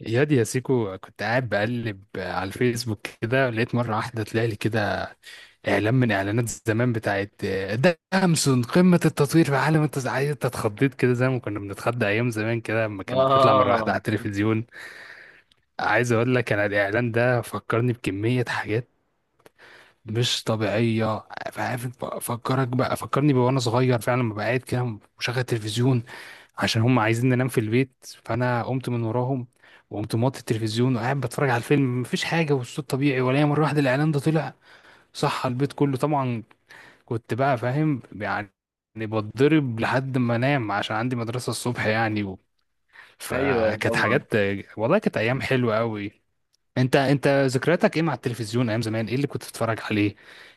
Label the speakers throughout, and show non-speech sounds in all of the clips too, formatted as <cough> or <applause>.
Speaker 1: ياد يا سيكو، كنت قاعد بقلب على الفيسبوك كده، لقيت مرة واحدة طلع لي كده إعلان من إعلانات زمان بتاعت ده أمسون قمة التطوير في عالم عايز. أنت اتخضيت كده زي ما كنا بنتخضى أيام زمان كده، لما كان بيطلع مرة واحدة
Speaker 2: اه،
Speaker 1: على التلفزيون. عايز أقول لك أنا الإعلان ده فكرني بكمية حاجات مش طبيعية. عارف فكرك بقى، فكرني بقى وانا صغير فعلا لما بقعد كده مشغل تلفزيون عشان هم عايزين ننام في البيت، فانا قمت من وراهم وقمت موطي التلفزيون وقاعد بتفرج على الفيلم، مفيش حاجة والصوت طبيعي، ولا مرة واحدة الاعلان ده طلع صح على البيت كله طبعا. كنت بقى فاهم يعني، بتضرب لحد ما انام عشان عندي مدرسة الصبح يعني
Speaker 2: ايوه،
Speaker 1: فكانت
Speaker 2: طبعا.
Speaker 1: حاجات. والله كانت ايام حلوة قوي. انت ذكرياتك ايه مع التلفزيون ايام زمان؟ ايه اللي كنت بتتفرج عليه؟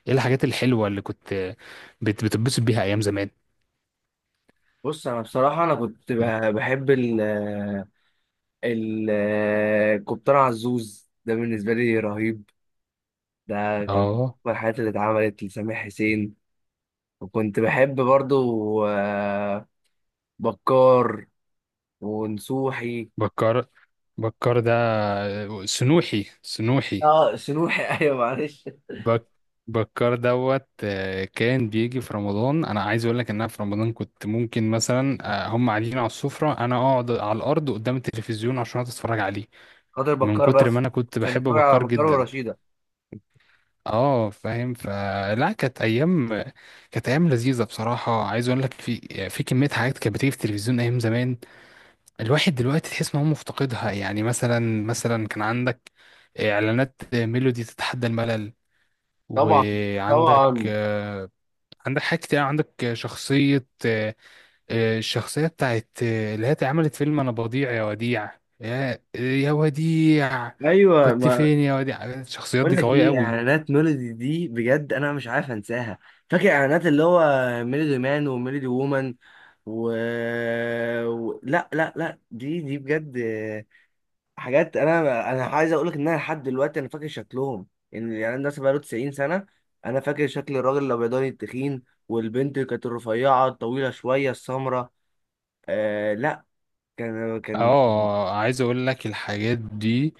Speaker 1: ايه الحاجات الحلوه اللي كنت بتتبسط بيها ايام زمان؟
Speaker 2: بص، انا بصراحه بحب ال ال الكابتن عزوز ده بالنسبه لي رهيب. ده كان من
Speaker 1: اه،
Speaker 2: أكبر الحاجات اللي اتعملت لسامح حسين. وكنت بحب برضو بكار ونسوحي.
Speaker 1: بكر بكر. ده سنوحي.
Speaker 2: اه، سنوحي <laughs> ايوه معلش.
Speaker 1: بك بكر كان بيجي في رمضان. انا عايز اقول لك ان انا في رمضان كنت ممكن مثلا هم قاعدين على السفره، انا اقعد على الارض قدام التلفزيون عشان أقعد اتفرج عليه،
Speaker 2: خاطر
Speaker 1: من
Speaker 2: بكار
Speaker 1: كتر ما
Speaker 2: بس،
Speaker 1: انا كنت
Speaker 2: عشان
Speaker 1: بحب
Speaker 2: اتفرج على
Speaker 1: بكر
Speaker 2: بكار
Speaker 1: جدا.
Speaker 2: ورشيده.
Speaker 1: اه فاهم، فلا كانت ايام، كانت ايام لذيذه بصراحه. عايز اقول لك في في كميه حاجات كانت بتيجي في التلفزيون ايام زمان، الواحد دلوقتي تحس ان هو مفتقدها. يعني مثلا كان عندك اعلانات ميلودي تتحدى الملل،
Speaker 2: طبعا،
Speaker 1: وعندك
Speaker 2: طبعا.
Speaker 1: عندك حاجات كتير، عندك شخصيه الشخصيه بتاعت اللي هي عملت فيلم انا بضيع يا وديع، يا وديع
Speaker 2: ايوه،
Speaker 1: كنت
Speaker 2: ما
Speaker 1: فين يا وديع. الشخصيات دي
Speaker 2: بقول لك
Speaker 1: قويه
Speaker 2: ايه،
Speaker 1: قوي.
Speaker 2: اعلانات ميلودي دي بجد انا مش عارف انساها. فاكر اعلانات اللي هو ميلودي مان وميلودي وومن و... لا لا لا، دي بجد حاجات. انا عايز اقول لك ان انا لحد دلوقتي انا فاكر شكلهم، ان الاعلان ده بقاله 90 سنه. انا فاكر شكل الراجل الابيضاني التخين، والبنت اللي كانت الرفيعه الطويله شويه السمراء. لا، كان
Speaker 1: اه عايز اقول لك الحاجات دي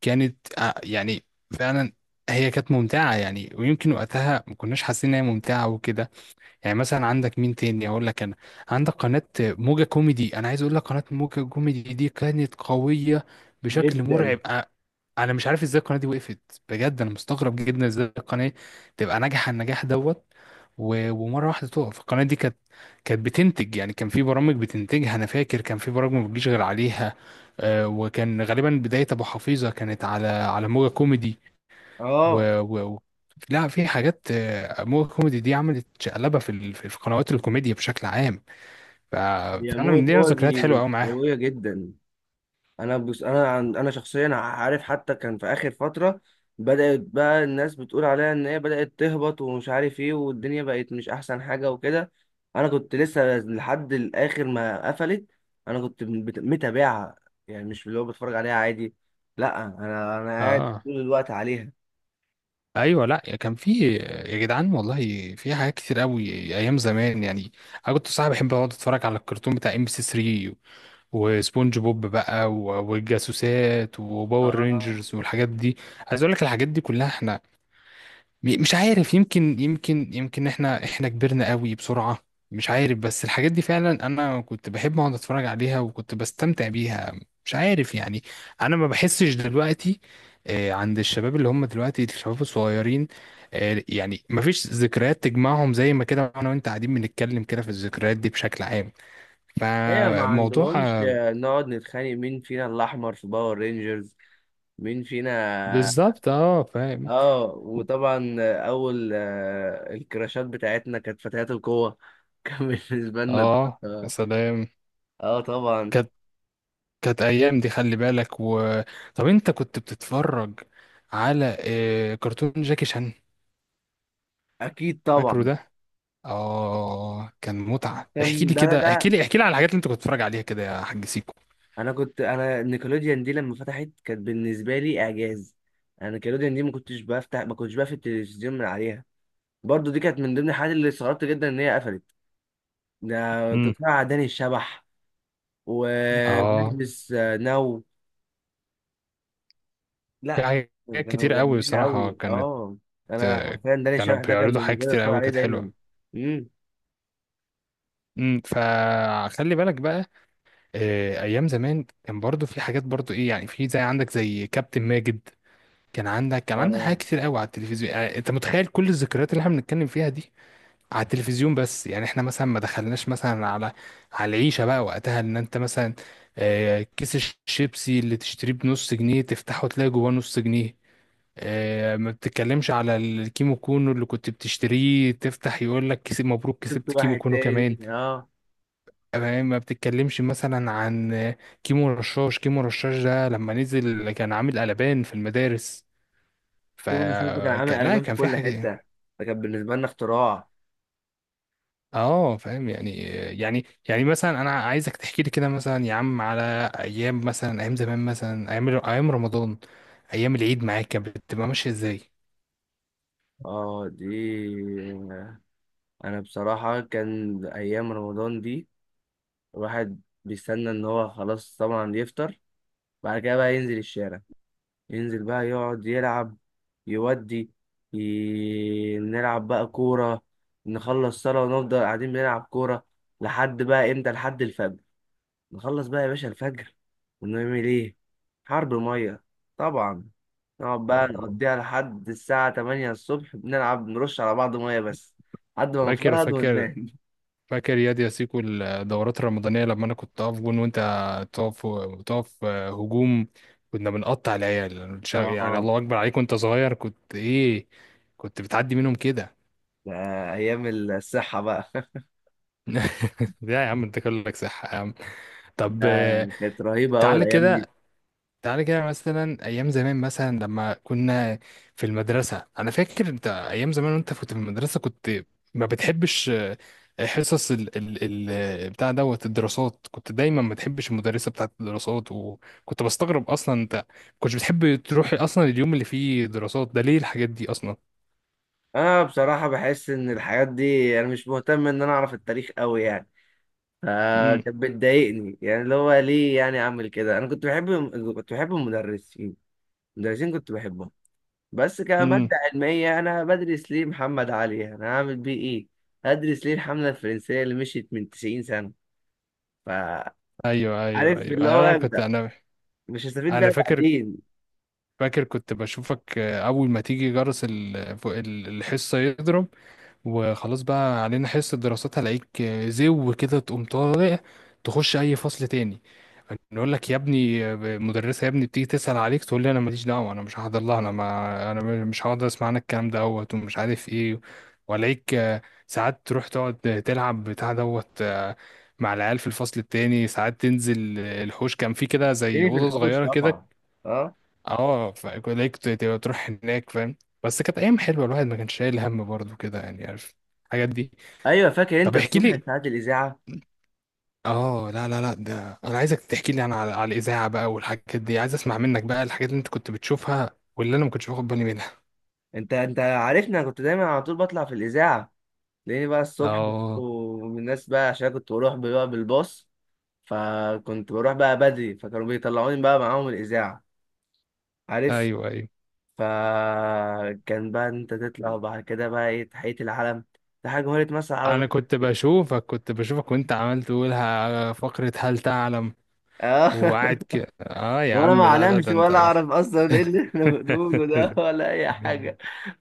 Speaker 1: كانت يعني فعلا هي كانت ممتعة، يعني ويمكن وقتها ما كناش حاسين ان هي ممتعة وكده. يعني مثلا عندك مين تاني اقول لك انا؟ عندك قناة موجة كوميدي. انا عايز اقول لك قناة موجة كوميدي دي كانت قوية بشكل مرعب.
Speaker 2: جدا.
Speaker 1: انا مش عارف ازاي القناه دي وقفت، بجد انا مستغرب جدا ازاي القناه تبقى ناجحه النجاح ومره واحده تقف. القناه دي كانت، كانت بتنتج يعني، كان في برامج بتنتجها، انا فاكر كان في برامج ما بتجيش غير عليها. وكان غالبا بدايه ابو حفيظه كانت على موجه كوميدي
Speaker 2: اه،
Speaker 1: و... و... و- لا، في حاجات موجه كوميدي دي عملت شقلبه في قنوات الكوميديا بشكل عام. ف-
Speaker 2: يا
Speaker 1: فانا من
Speaker 2: موت
Speaker 1: دي
Speaker 2: هو
Speaker 1: ذكريات حلوه
Speaker 2: دي
Speaker 1: قوي معاها.
Speaker 2: قويه جدا. انا بس، انا عن انا شخصيا، عارف حتى كان في اخر فتره بدات بقى الناس بتقول عليها ان هي بدات تهبط ومش عارف ايه والدنيا بقت مش احسن حاجه وكده. انا كنت لسه لحد الاخر ما قفلت انا متابعها، يعني مش اللي هو بتفرج عليها عادي. لا، انا قاعد
Speaker 1: اه
Speaker 2: طول الوقت عليها.
Speaker 1: ايوه، لا كان في، يا جدعان والله في حاجات كتير قوي ايام زمان يعني. انا كنت صاحبي بحب اقعد اتفرج على الكرتون بتاع MBC 3، وسبونج بوب بقى والجاسوسات وباور
Speaker 2: اه،
Speaker 1: رينجرز والحاجات دي. عايز اقول لك الحاجات دي كلها احنا مش عارف، يمكن يمكن احنا كبرنا قوي بسرعة، مش عارف. بس الحاجات دي فعلا انا كنت بحب اقعد اتفرج عليها وكنت بستمتع بيها، مش عارف يعني. انا ما بحسش دلوقتي عند الشباب اللي هم دلوقتي الشباب الصغيرين يعني ما فيش ذكريات تجمعهم زي ما كده انا وانت قاعدين بنتكلم كده في الذكريات دي بشكل عام.
Speaker 2: هي ما
Speaker 1: فموضوع
Speaker 2: عندهمش نقعد نتخانق مين فينا الاحمر في باور رينجرز، مين فينا.
Speaker 1: بالظبط اه فاهم.
Speaker 2: اه، وطبعا اول الكراشات بتاعتنا كانت فتيات القوة <laughs> كان بالنسبة لنا.
Speaker 1: اه يا
Speaker 2: اه،
Speaker 1: سلام،
Speaker 2: آه، طبعا.
Speaker 1: كانت، كانت ايام دي، خلي بالك طب انت كنت بتتفرج على كرتون جاكي شان؟
Speaker 2: اكيد
Speaker 1: فاكره
Speaker 2: طبعا
Speaker 1: ده؟ اه كان متعة. احكي
Speaker 2: كان
Speaker 1: لي
Speaker 2: ده ده
Speaker 1: كده، احكي
Speaker 2: ده
Speaker 1: لي احكي لي على الحاجات اللي انت كنت بتتفرج عليها كده يا حاج سيكو.
Speaker 2: انا نيكلوديان دي لما فتحت كانت بالنسبة لي اعجاز. انا نيكلوديان دي ما كنتش بقفل التلفزيون من عليها. برضو دي كانت من ضمن الحاجات اللي استغربت جدا ان هي قفلت. ده
Speaker 1: امم،
Speaker 2: تطلع داني الشبح
Speaker 1: اه
Speaker 2: وبيلبس نو.
Speaker 1: في
Speaker 2: لا
Speaker 1: حاجات
Speaker 2: كانوا
Speaker 1: كتير قوي
Speaker 2: جامدين
Speaker 1: بصراحة
Speaker 2: قوي،
Speaker 1: كانت
Speaker 2: اه. انا
Speaker 1: آه،
Speaker 2: حرفيا داني
Speaker 1: كانوا
Speaker 2: شبح ده كان
Speaker 1: بيعرضوا حاجات
Speaker 2: بالنسبه لي
Speaker 1: كتير
Speaker 2: اتفرج
Speaker 1: قوي
Speaker 2: عليه
Speaker 1: كانت حلوة.
Speaker 2: دايما. امم،
Speaker 1: امم، فخلي بالك بقى ايام زمان كان برضو في حاجات، برضو ايه يعني، في زي عندك زي كابتن ماجد. كان عندك، كان عندك حاجات
Speaker 2: اه،
Speaker 1: كتير قوي على التلفزيون. يعني انت متخيل كل الذكريات اللي احنا بنتكلم فيها دي على التلفزيون بس؟ يعني احنا مثلا ما دخلناش مثلا على العيشه بقى وقتها. ان انت مثلا كيس الشيبسي اللي تشتريه بنص جنيه تفتحه تلاقي جواه نص جنيه. ما بتتكلمش على الكيمو كونو اللي كنت بتشتريه تفتح يقول لك كسب مبروك
Speaker 2: شفت
Speaker 1: كسبت كيمو
Speaker 2: واحد
Speaker 1: كونو كمان.
Speaker 2: تاني، اه.
Speaker 1: ما بتتكلمش مثلا عن كيمو رشاش. كيمو رشاش ده لما نزل كان عامل قلبان في المدارس.
Speaker 2: كيمون شوز ده كان عامل
Speaker 1: فكان لا
Speaker 2: قلبان في
Speaker 1: كان في
Speaker 2: كل
Speaker 1: حاجة.
Speaker 2: حته، ده كان بالنسبه لنا اختراع.
Speaker 1: اه فاهم يعني. يعني مثلا انا عايزك تحكي لي كده مثلا يا عم على ايام، مثلا ايام زمان، مثلا ايام رمضان، ايام العيد معاك كانت بتبقى ماشية ازاي.
Speaker 2: اه، دي انا بصراحه كان ايام رمضان دي الواحد بيستنى ان هو خلاص طبعا يفطر. بعد كده بقى ينزل الشارع، ينزل بقى يقعد يلعب، يودي نلعب بقى كورة. نخلص صلاة ونفضل قاعدين بنلعب كورة لحد بقى امتى، لحد الفجر. نخلص بقى يا باشا الفجر، ونعمل ايه؟ حرب مية طبعا. نقعد بقى
Speaker 1: آه.
Speaker 2: نقضيها لحد الساعة 8 الصبح بنلعب نرش على بعض مية بس، لحد ما
Speaker 1: فاكر،
Speaker 2: نفرهد
Speaker 1: فاكر
Speaker 2: وننام.
Speaker 1: فاكر ياد يا سيكو الدورات الرمضانية لما أنا كنت أقف جون وأنت تقف، هجوم. كنا بنقطع العيال
Speaker 2: <laughs>
Speaker 1: يعني
Speaker 2: اه،
Speaker 1: الله أكبر عليك وأنت صغير، كنت إيه، كنت بتعدي منهم كده.
Speaker 2: ده أيام الصحة بقى. <laughs>
Speaker 1: <laughs> لا يا عم أنت كلك صح يا عم.
Speaker 2: ده
Speaker 1: طب
Speaker 2: كانت رهيبة أوي
Speaker 1: تعالى
Speaker 2: الأيام دي.
Speaker 1: كده، تعالى كده مثلا، ايام زمان مثلا لما كنا في المدرسه. انا فاكر انت ايام زمان وانت كنت في المدرسه كنت ما بتحبش حصص ال بتاع الدراسات. كنت دايما ما بتحبش المدرسه بتاعت الدراسات. وكنت بستغرب اصلا انت كنتش بتحب تروح اصلا اليوم اللي فيه دراسات ده ليه؟ الحاجات دي اصلا.
Speaker 2: انا بصراحه بحس ان الحاجات دي انا مش مهتم ان انا اعرف التاريخ قوي يعني،
Speaker 1: امم،
Speaker 2: فكانت بتضايقني يعني اللي هو ليه يعني اعمل كده. انا كنت بحب، كنت بحب المدرسين، المدرسين كنت بحبهم. بس كماده
Speaker 1: امم.
Speaker 2: علميه انا بدرس ليه محمد علي، انا هعمل بيه ايه؟ هدرس ليه الحمله الفرنسيه اللي مشيت من 90 سنه؟ فعارف
Speaker 1: ايوه ايوه ايوه
Speaker 2: اللي
Speaker 1: أيوه،
Speaker 2: هو
Speaker 1: انا كنت
Speaker 2: أنت
Speaker 1: انا
Speaker 2: مش هستفيد
Speaker 1: انا
Speaker 2: بيها
Speaker 1: فاكر،
Speaker 2: بعدين.
Speaker 1: كنت بشوفك اول ما تيجي جرس فوق الحصه يضرب وخلاص بقى علينا حصة دراسات، هلاقيك زو كده تقوم طالع تخش أي فصل تاني. نقول لك يا ابني، مدرسة يا ابني بتيجي تسأل عليك، تقول لي أنا ماليش دعوة، أنا مش هحضر لها، أنا ما أنا مش هقعد أسمع عنك الكلام ومش عارف إيه. وألاقيك ساعات تروح تقعد تلعب بتاع مع العيال في الفصل التاني. ساعات تنزل الحوش كان في كده زي
Speaker 2: تاني في
Speaker 1: أوضة
Speaker 2: الحوش
Speaker 1: صغيرة
Speaker 2: طبعا.
Speaker 1: كده،
Speaker 2: اه،
Speaker 1: اه فليك تبقى تروح هناك، فاهم؟ بس كانت ايام حلوه، الواحد ما كانش شايل هم برضه كده يعني، عارف، الحاجات دي.
Speaker 2: ايوه فاكر
Speaker 1: طب
Speaker 2: انت
Speaker 1: احكي
Speaker 2: الصبح
Speaker 1: لي،
Speaker 2: ساعات الاذاعه.
Speaker 1: اه لا ده انا عايزك تحكي لي انا على, على الاذاعه بقى والحاجات دي. عايز اسمع منك بقى الحاجات اللي انت كنت بتشوفها واللي انا ما كنتش باخد بالي منها.
Speaker 2: انت عارفني، انا كنت دايما على طول بطلع في الاذاعه. تلاقيني بقى الصبح،
Speaker 1: اه
Speaker 2: ومن الناس بقى، عشان كنت بروح بقى بالباص، فكنت بروح بقى بدري، فكانوا بيطلعوني بقى معاهم الإذاعة، عارف.
Speaker 1: ايوه ايوه.
Speaker 2: فكان بقى إن انت تطلع، وبعد كده بقى ايه، تحية العلم. ده حاجة جمهورية مصر
Speaker 1: انا
Speaker 2: العربية،
Speaker 1: كنت بشوفك، كنت بشوفك وانت عمال تقولها فقره هل تعلم،
Speaker 2: اه
Speaker 1: وقاعد
Speaker 2: <laughs>
Speaker 1: كده اه يا
Speaker 2: وانا ما
Speaker 1: عم لا لا
Speaker 2: اعلمش
Speaker 1: ده انت.
Speaker 2: ولا اعرف اصلا ايه اللي احنا بنقوله ده ولا اي حاجه،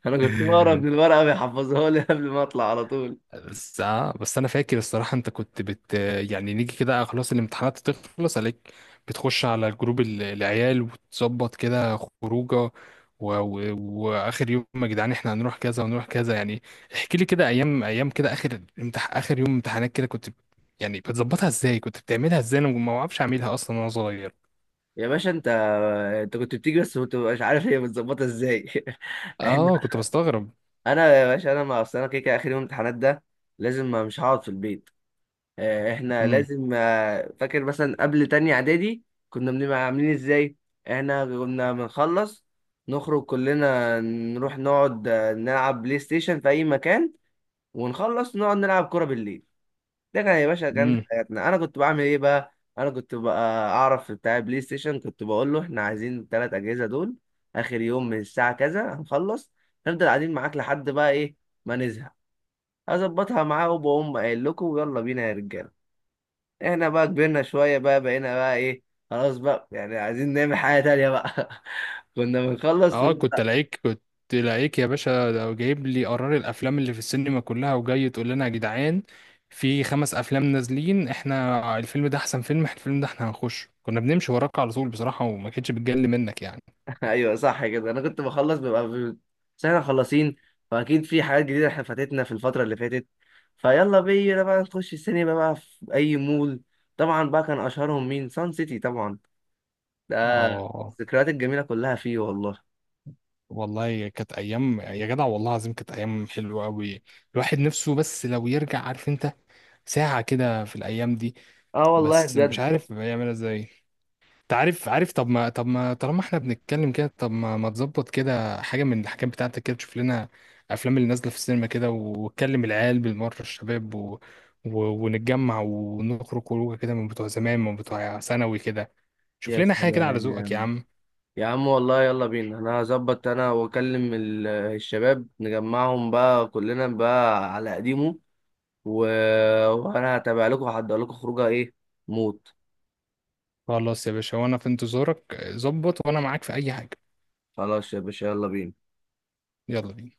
Speaker 2: انا كنت بقرا من
Speaker 1: <laughs> <laughs>
Speaker 2: الورقه بيحفظوها لي قبل ما اطلع على طول.
Speaker 1: بس آه بس انا فاكر الصراحه انت كنت يعني نيجي كده خلاص الامتحانات تخلص عليك، بتخش على جروب العيال وتظبط كده خروجه و... و... واخر يوم يا جدعان احنا هنروح كذا ونروح كذا يعني. احكي لي كده ايام، كده اخر يوم امتحانات كده كنت يعني بتظبطها ازاي، كنت بتعملها ازاي، انا ما اعرفش اعملها اصلا وانا صغير.
Speaker 2: يا باشا، انت كنت بتيجي بس كنت مش عارف هي متظبطه ازاي <laughs> احنا،
Speaker 1: اه كنت بستغرب.
Speaker 2: انا يا باشا، انا ما اصل انا كده كده اخر يوم امتحانات ده لازم ما مش هقعد في البيت. احنا
Speaker 1: امم،
Speaker 2: لازم، فاكر مثلا قبل تانية اعدادي كنا بنبقى عاملين ازاي؟ احنا كنا بنخلص نخرج كلنا، نروح نقعد نلعب بلاي ستيشن في اي مكان، ونخلص نقعد نلعب كرة بالليل. ده كان يا باشا كان حياتنا. انا كنت بعمل ايه بقى؟ انا كنت بقى اعرف بتاع بلاي ستيشن، كنت بقول له احنا عايزين الثلاث اجهزه دول، اخر يوم من الساعه كذا هنخلص، نفضل قاعدين معاك لحد بقى ايه، ما نزهق. اظبطها معاه وبقوم قايل لكم ويلا بينا يا رجاله. احنا بقى كبرنا شويه بقى، بقينا بقى ايه، خلاص بقى يعني عايزين نعمل حاجه تانية بقى <laughs> كنا بنخلص
Speaker 1: اه كنت لعيك يا باشا، ده جايب لي قرار الافلام اللي في السينما كلها وجاي تقول لنا يا جدعان في خمس افلام نازلين، احنا الفيلم ده احسن فيلم، احنا الفيلم ده احنا هنخش. كنا بنمشي وراك على طول بصراحة وما كانتش بتجلي منك يعني.
Speaker 2: <laughs> ايوه صح كده، انا كنت بخلص، بس احنا خلصين، فاكيد في حاجات جديده احنا فاتتنا في الفتره اللي فاتت، فيلا بينا بقى نخش السينما بقى في اي مول. طبعا بقى كان اشهرهم مين؟ سان سيتي طبعا. ده
Speaker 1: اه
Speaker 2: الذكريات الجميله كلها فيه والله.
Speaker 1: والله كانت ايام يا جدع، والله العظيم كانت ايام حلوة قوي. الواحد نفسه بس لو يرجع، عارف انت، ساعة كده في الايام دي،
Speaker 2: اه، والله
Speaker 1: بس مش
Speaker 2: بجد.
Speaker 1: عارف يعملها ازاي. انت عارف، طب ما، طالما احنا بنتكلم كده، طب ما تظبط كده حاجه من الحاجات بتاعتك كده، تشوف لنا افلام اللي نازله في السينما كده وتكلم العيال بالمره الشباب و... ونتجمع ونخرج خروجه كده من بتوع زمان، من بتوع ثانوي كده. شوف
Speaker 2: يا
Speaker 1: لنا حاجه كده على ذوقك يا
Speaker 2: سلام،
Speaker 1: عم.
Speaker 2: يا عم والله يلا بينا، انا هظبط انا واكلم الشباب، نجمعهم بقى كلنا بقى على قديمه، و... وانا هتابع لكم وهحضر لكم خروجه ايه؟ موت.
Speaker 1: خلاص يا باشا وانا في انتظارك، ظبط وانا معاك في اي حاجه.
Speaker 2: خلاص يا باشا يلا بينا.
Speaker 1: يلا بينا.